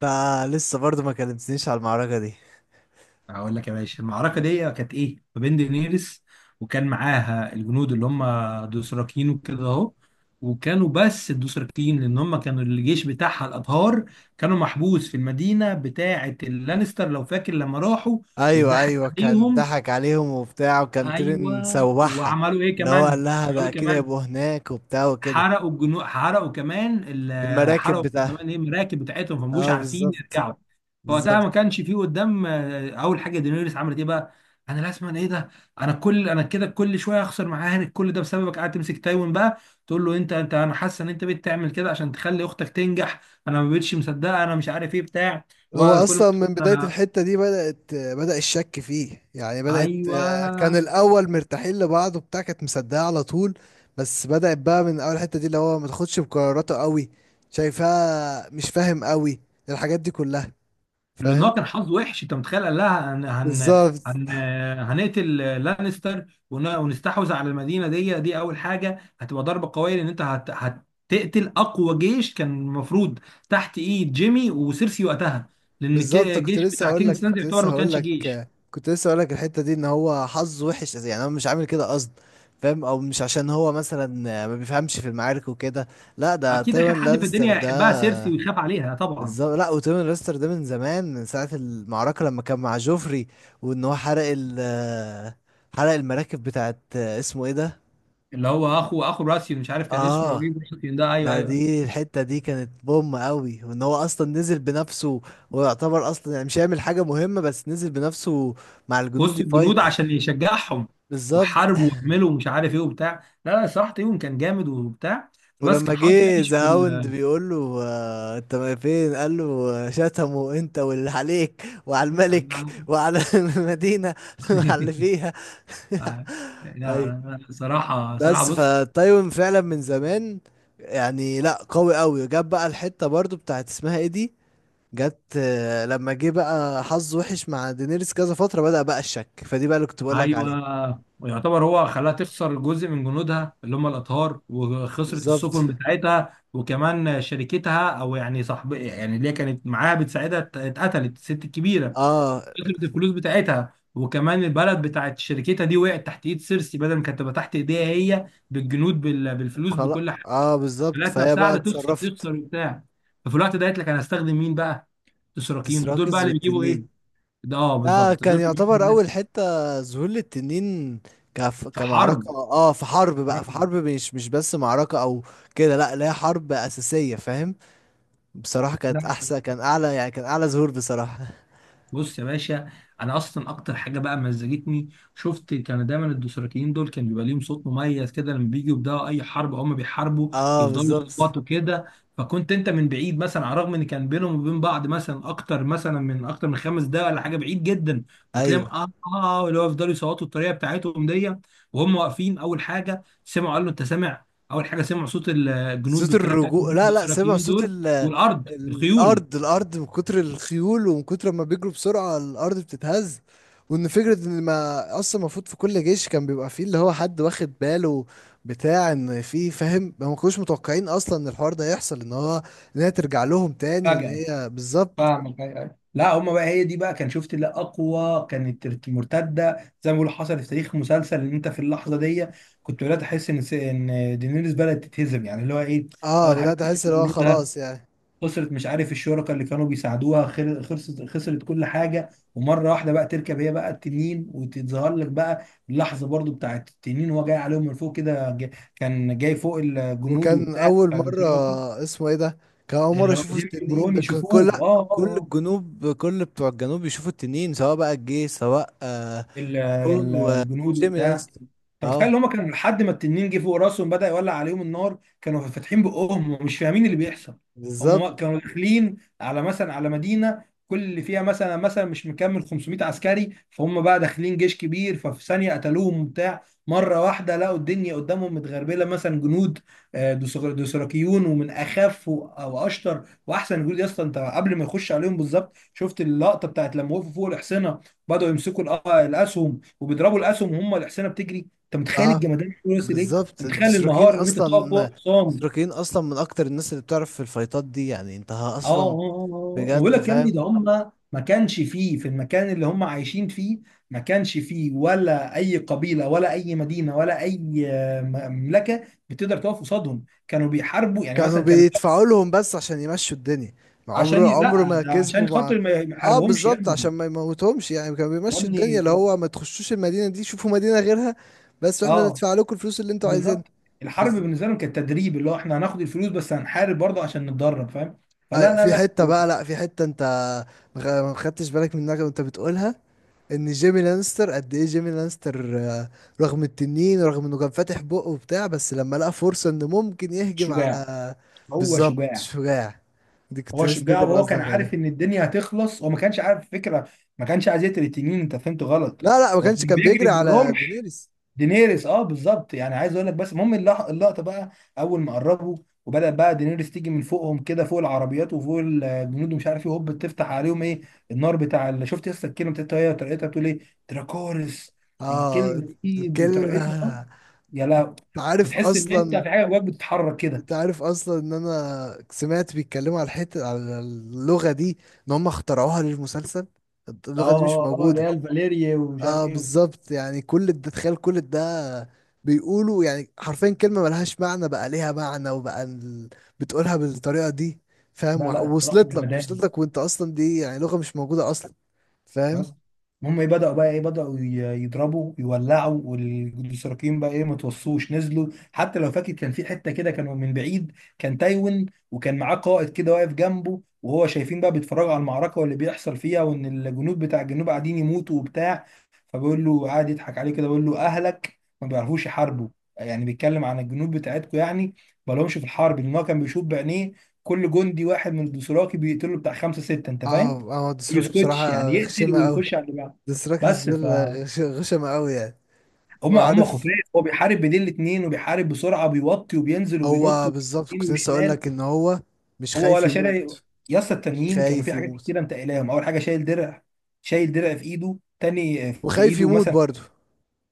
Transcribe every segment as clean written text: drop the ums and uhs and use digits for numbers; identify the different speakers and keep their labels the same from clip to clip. Speaker 1: ده لسه برضه ما كلمتنيش على المعركة دي.
Speaker 2: هقول لك يا باشا، المعركة دي كانت ايه؟ ما بين دينيرس، وكان معاها الجنود اللي هم دوثراكيين وكده اهو. وكانوا بس الدوثراكيين لان هم كانوا الجيش بتاعها الابهار. كانوا محبوس في المدينة بتاعة اللانستر، لو فاكر لما راحوا
Speaker 1: ايوه
Speaker 2: واتضحك
Speaker 1: ايوه، كان
Speaker 2: عليهم.
Speaker 1: ضحك عليهم وبتاع، وكان تيرن
Speaker 2: ايوه.
Speaker 1: سوحها.
Speaker 2: وعملوا ايه
Speaker 1: اللي هو قال
Speaker 2: كمان؟
Speaker 1: لها ده
Speaker 2: عملوا إيه
Speaker 1: اكيد
Speaker 2: كمان؟
Speaker 1: هيبقوا هناك وبتاع وكده. المراكب
Speaker 2: حرقوا
Speaker 1: بتاعها.
Speaker 2: كمان ايه المراكب بتاعتهم، فما بقوش
Speaker 1: اه
Speaker 2: عارفين
Speaker 1: بالظبط.
Speaker 2: يرجعوا. فوقتها
Speaker 1: بالظبط.
Speaker 2: ما كانش فيه قدام. اول حاجه دينيريس عملت ايه بقى؟ انا لازم، أنا ايه ده؟ انا كل، انا كده كل شويه هخسر معاك، كل ده بسببك قاعد تمسك تايوان بقى. تقول له انت انت انا حاسه ان انت بتعمل كده عشان تخلي اختك تنجح. انا ما بقتش مصدقه، انا مش عارف ايه بتاع
Speaker 1: هو
Speaker 2: وكل.
Speaker 1: اصلا من بدايه
Speaker 2: ما
Speaker 1: الحته دي بدا الشك فيه، يعني بدات، كان
Speaker 2: ايوه،
Speaker 1: الاول مرتاحين لبعض وبتاع، كانت مصدقه على طول. بس بدات بقى من اول حته دي اللي هو ما تاخدش بقراراته قوي. شايفاه مش فاهم قوي. الحاجات دي كلها.
Speaker 2: لان هو
Speaker 1: فاهم.
Speaker 2: كان حظه وحش. انت متخيل، قال لها هن هن
Speaker 1: بالظبط.
Speaker 2: هن هنقتل لانستر ونستحوذ على المدينه دي. دي اول حاجه هتبقى ضربه قويه، لان انت هتقتل اقوى جيش كان المفروض تحت ايد جيمي وسيرسي وقتها. لان
Speaker 1: بالظبط، كنت
Speaker 2: الجيش
Speaker 1: لسه
Speaker 2: بتاع
Speaker 1: هقول لك
Speaker 2: كينجز لاند
Speaker 1: كنت
Speaker 2: يعتبر
Speaker 1: لسه
Speaker 2: ما
Speaker 1: هقول
Speaker 2: كانش
Speaker 1: لك
Speaker 2: جيش.
Speaker 1: كنت لسه هقول لك الحته دي ان هو حظه وحش، يعني هو مش عامل كده قصد. فاهم، او مش عشان هو مثلا ما بيفهمش في المعارك وكده. لا، ده
Speaker 2: اكيد اخر
Speaker 1: تيون
Speaker 2: حد في
Speaker 1: لانستر
Speaker 2: الدنيا
Speaker 1: ده.
Speaker 2: هيحبها سيرسي ويخاف عليها طبعا.
Speaker 1: بالظبط. لا، وتيون لانستر ده من زمان، من ساعه المعركه لما كان مع جوفري، وان هو حرق المراكب بتاعت اسمه ايه ده.
Speaker 2: اللي هو اخو راسيون، مش عارف كان اسمه
Speaker 1: اه.
Speaker 2: ايه. راسيون ده، ايوه
Speaker 1: ده
Speaker 2: ايوه.
Speaker 1: دي الحتة دي كانت بوم قوي، وان هو اصلا نزل بنفسه. ويعتبر اصلا يعني مش هيعمل حاجة مهمة، بس نزل بنفسه مع الجنود
Speaker 2: وسط
Speaker 1: يفايت.
Speaker 2: الجنود عشان يشجعهم.
Speaker 1: بالظبط.
Speaker 2: وحاربوا وعملوا ومش عارف ايه وبتاع. لا لا، صراحة ايوب كان جامد وبتاع، بس
Speaker 1: ولما
Speaker 2: كان حظه
Speaker 1: جه
Speaker 2: وحش
Speaker 1: ذا
Speaker 2: في
Speaker 1: هاوند
Speaker 2: ال...
Speaker 1: بيقول له انت ما فين، قال له شتمه انت واللي عليك وعلى الملك وعلى المدينة وعلى اللي فيها.
Speaker 2: لا لا
Speaker 1: ايوه.
Speaker 2: لا، صراحة صراحة
Speaker 1: بس
Speaker 2: بص.
Speaker 1: فتايوان فعلا من زمان، يعني لا، قوي قوي. جاب بقى الحتة برضو بتاعت اسمها ايه دي. جت، لما جه بقى حظ وحش مع دينيريس كذا فترة، بدأ بقى الشك فدي بقى اللي كنت بقول لك عليه.
Speaker 2: ايوه، ويعتبر هو خلاها تخسر جزء من جنودها اللي هم الاطهار، وخسرت
Speaker 1: بالظبط.
Speaker 2: السفن بتاعتها، وكمان شركتها او يعني صاحب يعني اللي هي كانت معاها بتساعدها اتقتلت الست الكبيرة.
Speaker 1: اه.
Speaker 2: فكره الفلوس بتاعتها وكمان البلد بتاعت شركتها دي وقعت تحت ايد سيرسي، بدل ما كانت تبقى تحت ايديها هي، بالجنود بالفلوس
Speaker 1: خلاص،
Speaker 2: بكل حاجه.
Speaker 1: اه بالظبط،
Speaker 2: خلت
Speaker 1: فهي
Speaker 2: نفسها
Speaker 1: بقى
Speaker 2: قاعده تخسر
Speaker 1: اتصرفت.
Speaker 2: تخسر وبتاع. ففي الوقت ده قالت لك انا هستخدم مين بقى؟ الاشراكيين دول بقى
Speaker 1: ديسراكس
Speaker 2: اللي بيجيبوا ايه؟
Speaker 1: والتنين،
Speaker 2: ده اه
Speaker 1: ده
Speaker 2: بالظبط،
Speaker 1: كان
Speaker 2: دول بيجيبوا
Speaker 1: يعتبر
Speaker 2: ده.
Speaker 1: اول حتة ظهور للتنين.
Speaker 2: في
Speaker 1: كمعركة،
Speaker 2: حرب.
Speaker 1: اه، في حرب بقى، في حرب مش بس معركة او كده. لا لا، هي حرب أساسية، فاهم. بصراحة
Speaker 2: ده
Speaker 1: كانت احسن، كان اعلى، يعني كان اعلى ظهور بصراحة.
Speaker 2: بص يا باشا، انا اصلا اكتر حاجه بقى مزجتني، شفت كان دايما الدوسراكيين دول كان بيبقى ليهم صوت مميز كده. لما بيجوا يبداوا اي حرب، هم بيحاربوا
Speaker 1: اه
Speaker 2: يفضلوا
Speaker 1: بالظبط.
Speaker 2: يصوتوا كده. فكنت انت من بعيد مثلا، على الرغم ان كان بينهم وبين بعض مثلا اكتر مثلا من اكتر من 5 دقايق ولا حاجه، بعيد جدا،
Speaker 1: ايوه.
Speaker 2: وتلاقيهم اللي هو يفضلوا يصوتوا الطريقه بتاعتهم دي، وهم واقفين. اول حاجه سمعوا، قالوا له انت سامع؟ اول حاجه سمعوا صوت الجنود
Speaker 1: صوت
Speaker 2: بالطريقه بتاعتهم
Speaker 1: الرجوع، لا لا، سامع
Speaker 2: الدوسراكيين دول. والارض، الخيول.
Speaker 1: الارض. الارض، من كتر الخيول ومن كتر ما بيجروا بسرعه الارض بتتهز. وان فكره ان ما اصلا المفروض في كل جيش كان بيبقى فيه اللي هو حد واخد باله بتاع ان في، فاهم، ما كانوش متوقعين اصلا ان الحوار ده يحصل، ان هو ان هي ترجع لهم تاني، وان
Speaker 2: فجأة
Speaker 1: هي بالظبط.
Speaker 2: فاهمك. أيوة، أيوة. لا هما بقى، هي دي بقى، كان شفت اللي اقوى، كانت مرتده زي ما بيقولوا حصل في تاريخ مسلسل. ان انت في اللحظه دي كنت بدات احس ان ان دينيريس بدات تتهزم، يعني اللي هو ايه.
Speaker 1: اه
Speaker 2: اول حاجه
Speaker 1: بدات
Speaker 2: خسرت
Speaker 1: احس اللي هو
Speaker 2: جنودها،
Speaker 1: خلاص يعني.
Speaker 2: خسرت مش عارف الشركاء اللي كانوا بيساعدوها، خسرت خسرت كل حاجه. ومره واحده بقى تركب هي بقى التنين وتظهر لك بقى، اللحظه برضو بتاعت التنين وهو جاي عليهم من فوق كده. كان جاي فوق الجنود
Speaker 1: وكان
Speaker 2: وبتاع
Speaker 1: اول
Speaker 2: بتاع
Speaker 1: مره.
Speaker 2: الدوثراكي.
Speaker 1: اسمه ايه ده. كان اول مره
Speaker 2: اللي هو
Speaker 1: يشوفوا
Speaker 2: جيمي
Speaker 1: التنين،
Speaker 2: برون
Speaker 1: كان كل،
Speaker 2: يشوفوه.
Speaker 1: لأ، كل الجنوب، كل بتوع الجنوب يشوفوا التنين، سواء بقى الجيش سواء رون
Speaker 2: الجنود
Speaker 1: وجيمي
Speaker 2: وبتاع.
Speaker 1: لانستر.
Speaker 2: انت متخيل ان
Speaker 1: اه
Speaker 2: هم كانوا لحد ما التنين جه فوق راسهم بدأ يولع عليهم النار، كانوا فاتحين بقهم ومش فاهمين اللي بيحصل. هم
Speaker 1: بالظبط.
Speaker 2: كانوا داخلين على مثلا، على مدينة كل اللي فيها مثلا مثلا مش مكمل 500 عسكري. فهم بقى داخلين جيش كبير، ففي ثانية قتلوهم وبتاع. مرة واحدة لقوا الدنيا قدامهم متغربلة مثلا جنود دوسراكيون، ومن أخف وأشطر وأحسن جنود يا اسطى. أنت قبل ما يخش عليهم بالظبط شفت اللقطة بتاعت لما وقفوا فوق الحصينة، بدأوا يمسكوا الأسهم وبيضربوا الأسهم وهم الحصينة بتجري. أنت متخيل
Speaker 1: اه
Speaker 2: الجمدان اللي وصل إيه؟
Speaker 1: بالظبط.
Speaker 2: أنت متخيل
Speaker 1: الدستروكين
Speaker 2: المهارة إن أنت تقف
Speaker 1: اصلا،
Speaker 2: فوق حصان؟
Speaker 1: الدستروكين اصلا من اكتر الناس اللي بتعرف في الفايتات دي، يعني انت
Speaker 2: أه آه،
Speaker 1: اصلا
Speaker 2: آه، آه. بقول
Speaker 1: بجد
Speaker 2: لك يا ابني،
Speaker 1: فاهم.
Speaker 2: ده هم ما كانش فيه في المكان اللي هم عايشين فيه، ما كانش فيه ولا أي قبيلة ولا أي مدينة ولا أي مملكة بتقدر تقف قصادهم. كانوا بيحاربوا يعني،
Speaker 1: كانوا
Speaker 2: مثلا كانوا
Speaker 1: بيدفعوا لهم بس عشان يمشوا الدنيا، ما
Speaker 2: عشان
Speaker 1: عمره عمره
Speaker 2: لا،
Speaker 1: ما
Speaker 2: ده
Speaker 1: كسبوا
Speaker 2: عشان
Speaker 1: مع.
Speaker 2: خاطر ما
Speaker 1: اه
Speaker 2: يحاربهمش يا
Speaker 1: بالظبط، عشان
Speaker 2: ابني.
Speaker 1: ما يموتهمش يعني، كانوا
Speaker 2: يا
Speaker 1: بيمشوا الدنيا
Speaker 2: ابني،
Speaker 1: اللي هو ما تخشوش المدينة دي، شوفوا مدينة غيرها، بس واحنا
Speaker 2: أه،
Speaker 1: ندفع لكم الفلوس اللي انتوا عايزينها.
Speaker 2: بالظبط. الحرب بالنسبه
Speaker 1: بالظبط.
Speaker 2: لهم كانت تدريب، اللي هو احنا هناخد الفلوس، بس هنحارب برضه عشان نتدرب، فاهم؟ فلا لا
Speaker 1: في
Speaker 2: لا.
Speaker 1: حتة بقى، لا، في حتة انت ما خدتش بالك منها وانت بتقولها، ان جيمي لانستر قد ايه، جيمي لانستر، رغم التنين، رغم انه كان فاتح بقه وبتاع، بس لما لقى فرصة انه ممكن يهجم
Speaker 2: شجاع،
Speaker 1: على.
Speaker 2: هو
Speaker 1: بالظبط
Speaker 2: شجاع.
Speaker 1: شجاع. دي كنت
Speaker 2: هو
Speaker 1: لسه، دي
Speaker 2: شجاع،
Speaker 1: اللي
Speaker 2: وهو كان
Speaker 1: بقصدك
Speaker 2: عارف
Speaker 1: عليها.
Speaker 2: ان الدنيا هتخلص. هو ما كانش عارف فكره، ما كانش عايز يقتل التنين، انت فهمت غلط.
Speaker 1: لا لا، ما
Speaker 2: هو كان
Speaker 1: كانش كان
Speaker 2: بيجري
Speaker 1: بيجري على
Speaker 2: بالرعب.
Speaker 1: دينيريس.
Speaker 2: دينيريس اه بالظبط، يعني عايز اقول لك. بس المهم اللقطه بقى، اول ما قربوا وبدأ بقى دينيريس تيجي من فوقهم كده فوق العربيات وفوق الجنود ومش عارف ايه، هوب تفتح عليهم ايه، النار بتاع. اللي شفت لسه الكلمه بتاعتها هي وطريقتها، بتقول ايه؟ دراكورس.
Speaker 1: اه.
Speaker 2: الكلمه دي
Speaker 1: الكلمة.
Speaker 2: بطريقتها، يا لا،
Speaker 1: انت عارف
Speaker 2: بتحس ان انت
Speaker 1: اصلا.
Speaker 2: في حاجه جواك بتتحرك كده.
Speaker 1: انت عارف اصلا ان انا سمعت بيتكلموا على الحتة، على اللغة دي، ان هم اخترعوها للمسلسل،
Speaker 2: اه
Speaker 1: اللغة دي مش
Speaker 2: اه اللي هي
Speaker 1: موجودة.
Speaker 2: الفاليريا ومش عارف
Speaker 1: اه
Speaker 2: ايه وبتاع.
Speaker 1: بالظبط، يعني كل ده تخيل، كل ده بيقولوا، يعني حرفيا كلمة ملهاش معنى بقى ليها معنى وبقى بتقولها بالطريقة دي. فاهم،
Speaker 2: لا لا، الصراحه
Speaker 1: وصلت لك وصلت
Speaker 2: جمدان.
Speaker 1: لك، وانت اصلا دي يعني لغة مش موجودة اصلا. فاهم.
Speaker 2: بس المهم ايه، بدأوا بقى ايه، بدأوا يضربوا يولعوا. والاشتراكيين بقى ايه، ما توصوش، نزلوا. حتى لو فاكر كان في حتة كده، كانوا من بعيد. كان تايوان وكان معاه قائد كده واقف جنبه، وهو شايفين بقى بيتفرجوا على المعركة واللي بيحصل فيها، وان الجنود بتاع الجنوب قاعدين يموتوا وبتاع. فبيقول له قاعد يضحك عليه كده، بيقول له اهلك ما بيعرفوش يحاربوا، يعني بيتكلم عن الجنود بتاعتكم يعني، ما لهمش في الحرب. لان هو كان بيشوف بعينيه كل جندي واحد من الدوسراكي بيقتله بتاع خمسة ستة، انت فاهم،
Speaker 1: اه اه دي
Speaker 2: يسكتش
Speaker 1: بصراحة
Speaker 2: يعني، يقتل
Speaker 1: غشيمة أوي،
Speaker 2: ويخش على اللي بعده.
Speaker 1: ديسراكس
Speaker 2: بس ف،
Speaker 1: ده. غشم قوي يعني.
Speaker 2: هم خفاف.
Speaker 1: وعارف،
Speaker 2: هو بيحارب بين الاثنين وبيحارب بسرعه، بيوطي وبينزل وبينط
Speaker 1: هو بالظبط كنت
Speaker 2: ويمين
Speaker 1: لسه اقول
Speaker 2: وشمال.
Speaker 1: لك ان هو مش
Speaker 2: هو
Speaker 1: خايف
Speaker 2: ولا شارع.
Speaker 1: يموت.
Speaker 2: يا اسطى،
Speaker 1: مش
Speaker 2: التانيين كانوا في
Speaker 1: خايف
Speaker 2: حاجات
Speaker 1: يموت،
Speaker 2: كتيره متقلاهم. اول حاجه شايل درع، شايل درع في ايده تاني، في
Speaker 1: وخايف
Speaker 2: ايده
Speaker 1: يموت
Speaker 2: مثلا،
Speaker 1: برضه.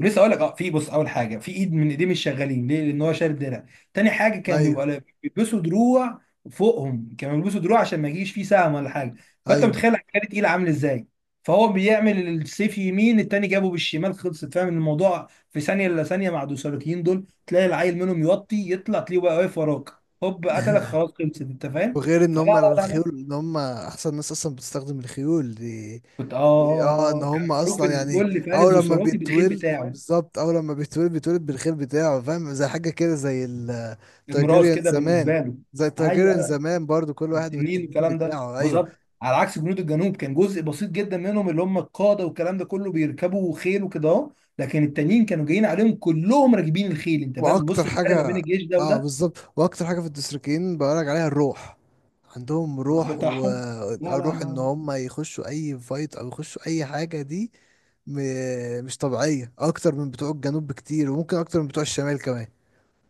Speaker 2: لسه اقول لك. اه، في بص، اول حاجه، في ايد من ايديه مش شغالين ليه؟ لان هو شارب درع. تاني حاجه، كان
Speaker 1: ايوه
Speaker 2: بيبقى بيلبسوا دروع فوقهم، كانوا بيلبسوا دروع عشان ما يجيش فيه سهم ولا حاجه. فانت
Speaker 1: ايوه.
Speaker 2: متخيل العسكري تقيل عامل ازاي. فهو بيعمل السيف يمين، التاني جابه بالشمال، خلصت، فاهم الموضوع؟ في ثانيه، الا ثانيه، مع الدوسالوتيين دول، تلاقي العيل منهم يوطي يطلع، تلاقيه بقى واقف وراك، هوب قتلك، خلاص خلصت، انت فاهم؟
Speaker 1: وغير ان
Speaker 2: فلا
Speaker 1: هم
Speaker 2: لا لا لا.
Speaker 1: الخيول، ان هم احسن ناس اصلا بتستخدم الخيول دي،
Speaker 2: كنت
Speaker 1: دي اه ان
Speaker 2: اه، كان
Speaker 1: هم
Speaker 2: معروف
Speaker 1: اصلا
Speaker 2: ان
Speaker 1: يعني
Speaker 2: كل فارس
Speaker 1: اول لما
Speaker 2: دوسراطي بالخيل
Speaker 1: بيتولد.
Speaker 2: بتاعه،
Speaker 1: بالظبط، اول لما بيتولد بيتولد بالخيل بتاعه، فاهم، زي حاجه كده، زي
Speaker 2: الميراث
Speaker 1: التايجيريان
Speaker 2: كده
Speaker 1: زمان.
Speaker 2: بالنسبه له.
Speaker 1: زي
Speaker 2: ايوه،
Speaker 1: التايجيريان
Speaker 2: أيوه.
Speaker 1: زمان برضو، كل واحد
Speaker 2: التنين
Speaker 1: والتنين
Speaker 2: والكلام ده
Speaker 1: بتاعه، ايوه.
Speaker 2: بالظبط، على عكس جنود الجنوب كان جزء بسيط جدا منهم اللي هم القاده والكلام ده كله بيركبوا خيل وكده اهو. لكن التانيين كانوا جايين عليهم كلهم راكبين الخيل، انت فاهم،
Speaker 1: واكتر
Speaker 2: بص الفرق ما بين
Speaker 1: حاجه.
Speaker 2: الجيش ده
Speaker 1: اه
Speaker 2: وده.
Speaker 1: بالظبط، واكتر حاجه في الدستريكيين بقولك عليها الروح. عندهم
Speaker 2: الروح
Speaker 1: روح،
Speaker 2: بتاعهم، لا لا
Speaker 1: وروح ان
Speaker 2: لا
Speaker 1: هم يخشوا اي فايت او يخشوا اي حاجه دي م... مش طبيعيه، اكتر من بتوع الجنوب بكتير، وممكن اكتر من بتوع الشمال كمان.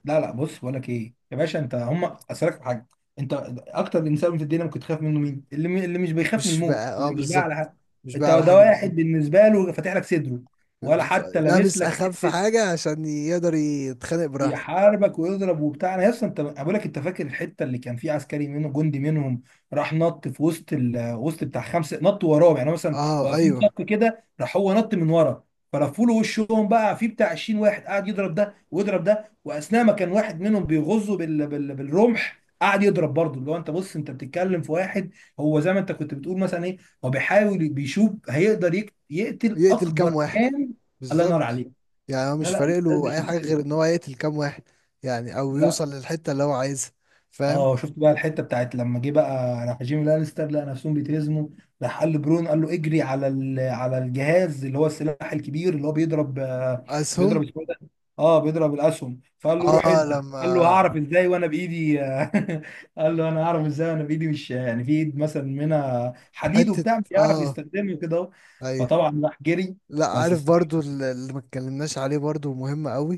Speaker 2: لا. لا بص، بقول لك ايه يا باشا، انت هم. اسالك في حاجه، انت اكتر انسان في الدنيا ممكن تخاف منه مين؟ اللي اللي مش بيخاف من
Speaker 1: مش
Speaker 2: الموت،
Speaker 1: بقى، اه
Speaker 2: اللي مش بقى على
Speaker 1: بالظبط،
Speaker 2: حاجه.
Speaker 1: مش بقى
Speaker 2: انت
Speaker 1: على
Speaker 2: ده
Speaker 1: حاجه،
Speaker 2: واحد
Speaker 1: بالظبط.
Speaker 2: بالنسبه له فاتح لك صدره، ولا حتى لابس
Speaker 1: لابس
Speaker 2: لك
Speaker 1: اخف
Speaker 2: حته.
Speaker 1: حاجه عشان يقدر يتخانق براحته.
Speaker 2: يحاربك ويضرب وبتاع. انا اصلا، انت بقول لك، انت فاكر الحته اللي كان في عسكري منه، جندي منهم، راح نط في وسط وسط بتاع خمسه، نط وراهم يعني مثلا
Speaker 1: اه
Speaker 2: واقفين
Speaker 1: ايوه.
Speaker 2: صف كده، راح هو نط من ورا، فلفوا له وشهم بقى، في بتاع 20 واحد قاعد يضرب ده ويضرب ده، واثناء ما كان واحد منهم بيغزه بالرمح، قاعد يضرب برضه. اللي هو انت بص، انت بتتكلم في واحد، هو زي ما انت كنت بتقول مثلا ايه، هو بيحاول بيشوف هيقدر يقتل
Speaker 1: يقتل
Speaker 2: اكبر
Speaker 1: كام.
Speaker 2: كام. الله ينور
Speaker 1: بالظبط،
Speaker 2: عليك.
Speaker 1: يعني هو
Speaker 2: لا
Speaker 1: مش
Speaker 2: لا،
Speaker 1: فارق
Speaker 2: الناس دي
Speaker 1: له اي حاجه غير ان
Speaker 2: خطيره.
Speaker 1: هو يقتل كام واحد، يعني او
Speaker 2: لا.
Speaker 1: يوصل للحته اللي هو عايزها. فاهم.
Speaker 2: اه، شفت بقى الحته بتاعت لما جه بقى راح جيمي لانستر لقى نفسهم بيتهزموا، راح قال لبرون، قال له اجري على الجهاز اللي هو السلاح الكبير اللي هو بيضرب بيضرب،
Speaker 1: اسهم.
Speaker 2: اسمه إيه ده، اه، بيضرب الاسهم. فقال له روح
Speaker 1: اه.
Speaker 2: انت.
Speaker 1: لما.
Speaker 2: قال له هعرف ازاي وانا بايدي قال له انا هعرف ازاي وانا بايدي، مش يعني في ايد مثلا منها حديد
Speaker 1: حته.
Speaker 2: وبتاع، مش هيعرف
Speaker 1: اه.
Speaker 2: يستخدمه كده اهو.
Speaker 1: ايوه.
Speaker 2: فطبعا راح جري.
Speaker 1: لا،
Speaker 2: بس
Speaker 1: عارف
Speaker 2: الصراحة،
Speaker 1: برضو، اللي ما اتكلمناش عليه برضو مهم قوي.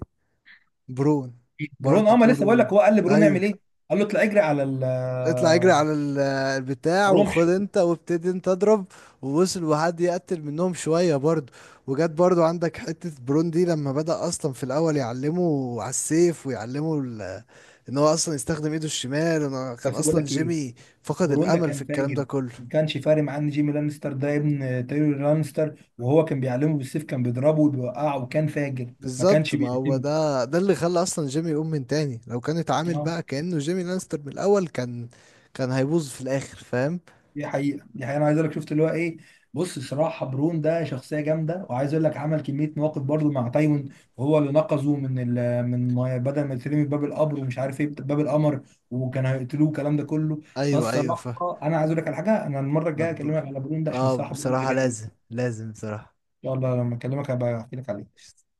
Speaker 1: برون.
Speaker 2: برون،
Speaker 1: برضو
Speaker 2: اه، ما لسه بقول لك،
Speaker 1: دوره.
Speaker 2: هو قال لبرون اعمل ايه؟
Speaker 1: ايوه.
Speaker 2: قال له اطلع اجري على
Speaker 1: اطلع اجري على البتاع، وخد
Speaker 2: الرمح.
Speaker 1: انت وابتدي انت اضرب، ووصل، وحد يقتل منهم شوية برضو. وجت برضو عندك حتة برون دي لما بدأ اصلا في الاول يعلمه على السيف، ويعلمه ان هو اصلا يستخدم ايده الشمال، انا كان
Speaker 2: بس بقول
Speaker 1: اصلا
Speaker 2: لك ايه،
Speaker 1: جيمي فقد
Speaker 2: بروندا
Speaker 1: الامل في
Speaker 2: كان
Speaker 1: الكلام ده
Speaker 2: فاجر،
Speaker 1: كله.
Speaker 2: ما كانش فارق معاه ان جيمي لانستر ده ابن تيري لانستر، وهو كان بيعلمه بالسيف، كان بيضربه وبيوقعه، وكان فاجر، ما
Speaker 1: بالظبط،
Speaker 2: كانش
Speaker 1: ما هو
Speaker 2: بيهتمه.
Speaker 1: ده اللي خلى اصلا جيمي يقوم من تاني، لو كان اتعامل
Speaker 2: اه،
Speaker 1: بقى كأنه جيمي لانستر من الاول، كان كان هيبوظ في الاخر فاهم.
Speaker 2: دي حقيقة، دي حقيقة. انا عايز اقول لك شفت اللي هو ايه، بص الصراحة برون ده شخصية جامدة، وعايز اقول لك عمل كمية مواقف برضه مع تايوان، وهو اللي نقذه من ال، من بدل ما يترمي باب القبر ومش عارف ايه، باب القمر، وكان هيقتلوه الكلام ده كله.
Speaker 1: ايوه ايوه فاهم.
Speaker 2: فالصراحة انا عايز اقول لك على حاجة، انا المرة الجاية
Speaker 1: نبر.
Speaker 2: اكلمك على برون ده، عشان
Speaker 1: اه
Speaker 2: الصراحة برون ده
Speaker 1: بصراحة،
Speaker 2: جامد.
Speaker 1: لازم لازم، بصراحة.
Speaker 2: يلا لما اكلمك هبقى احكي لك عليه.
Speaker 1: إيش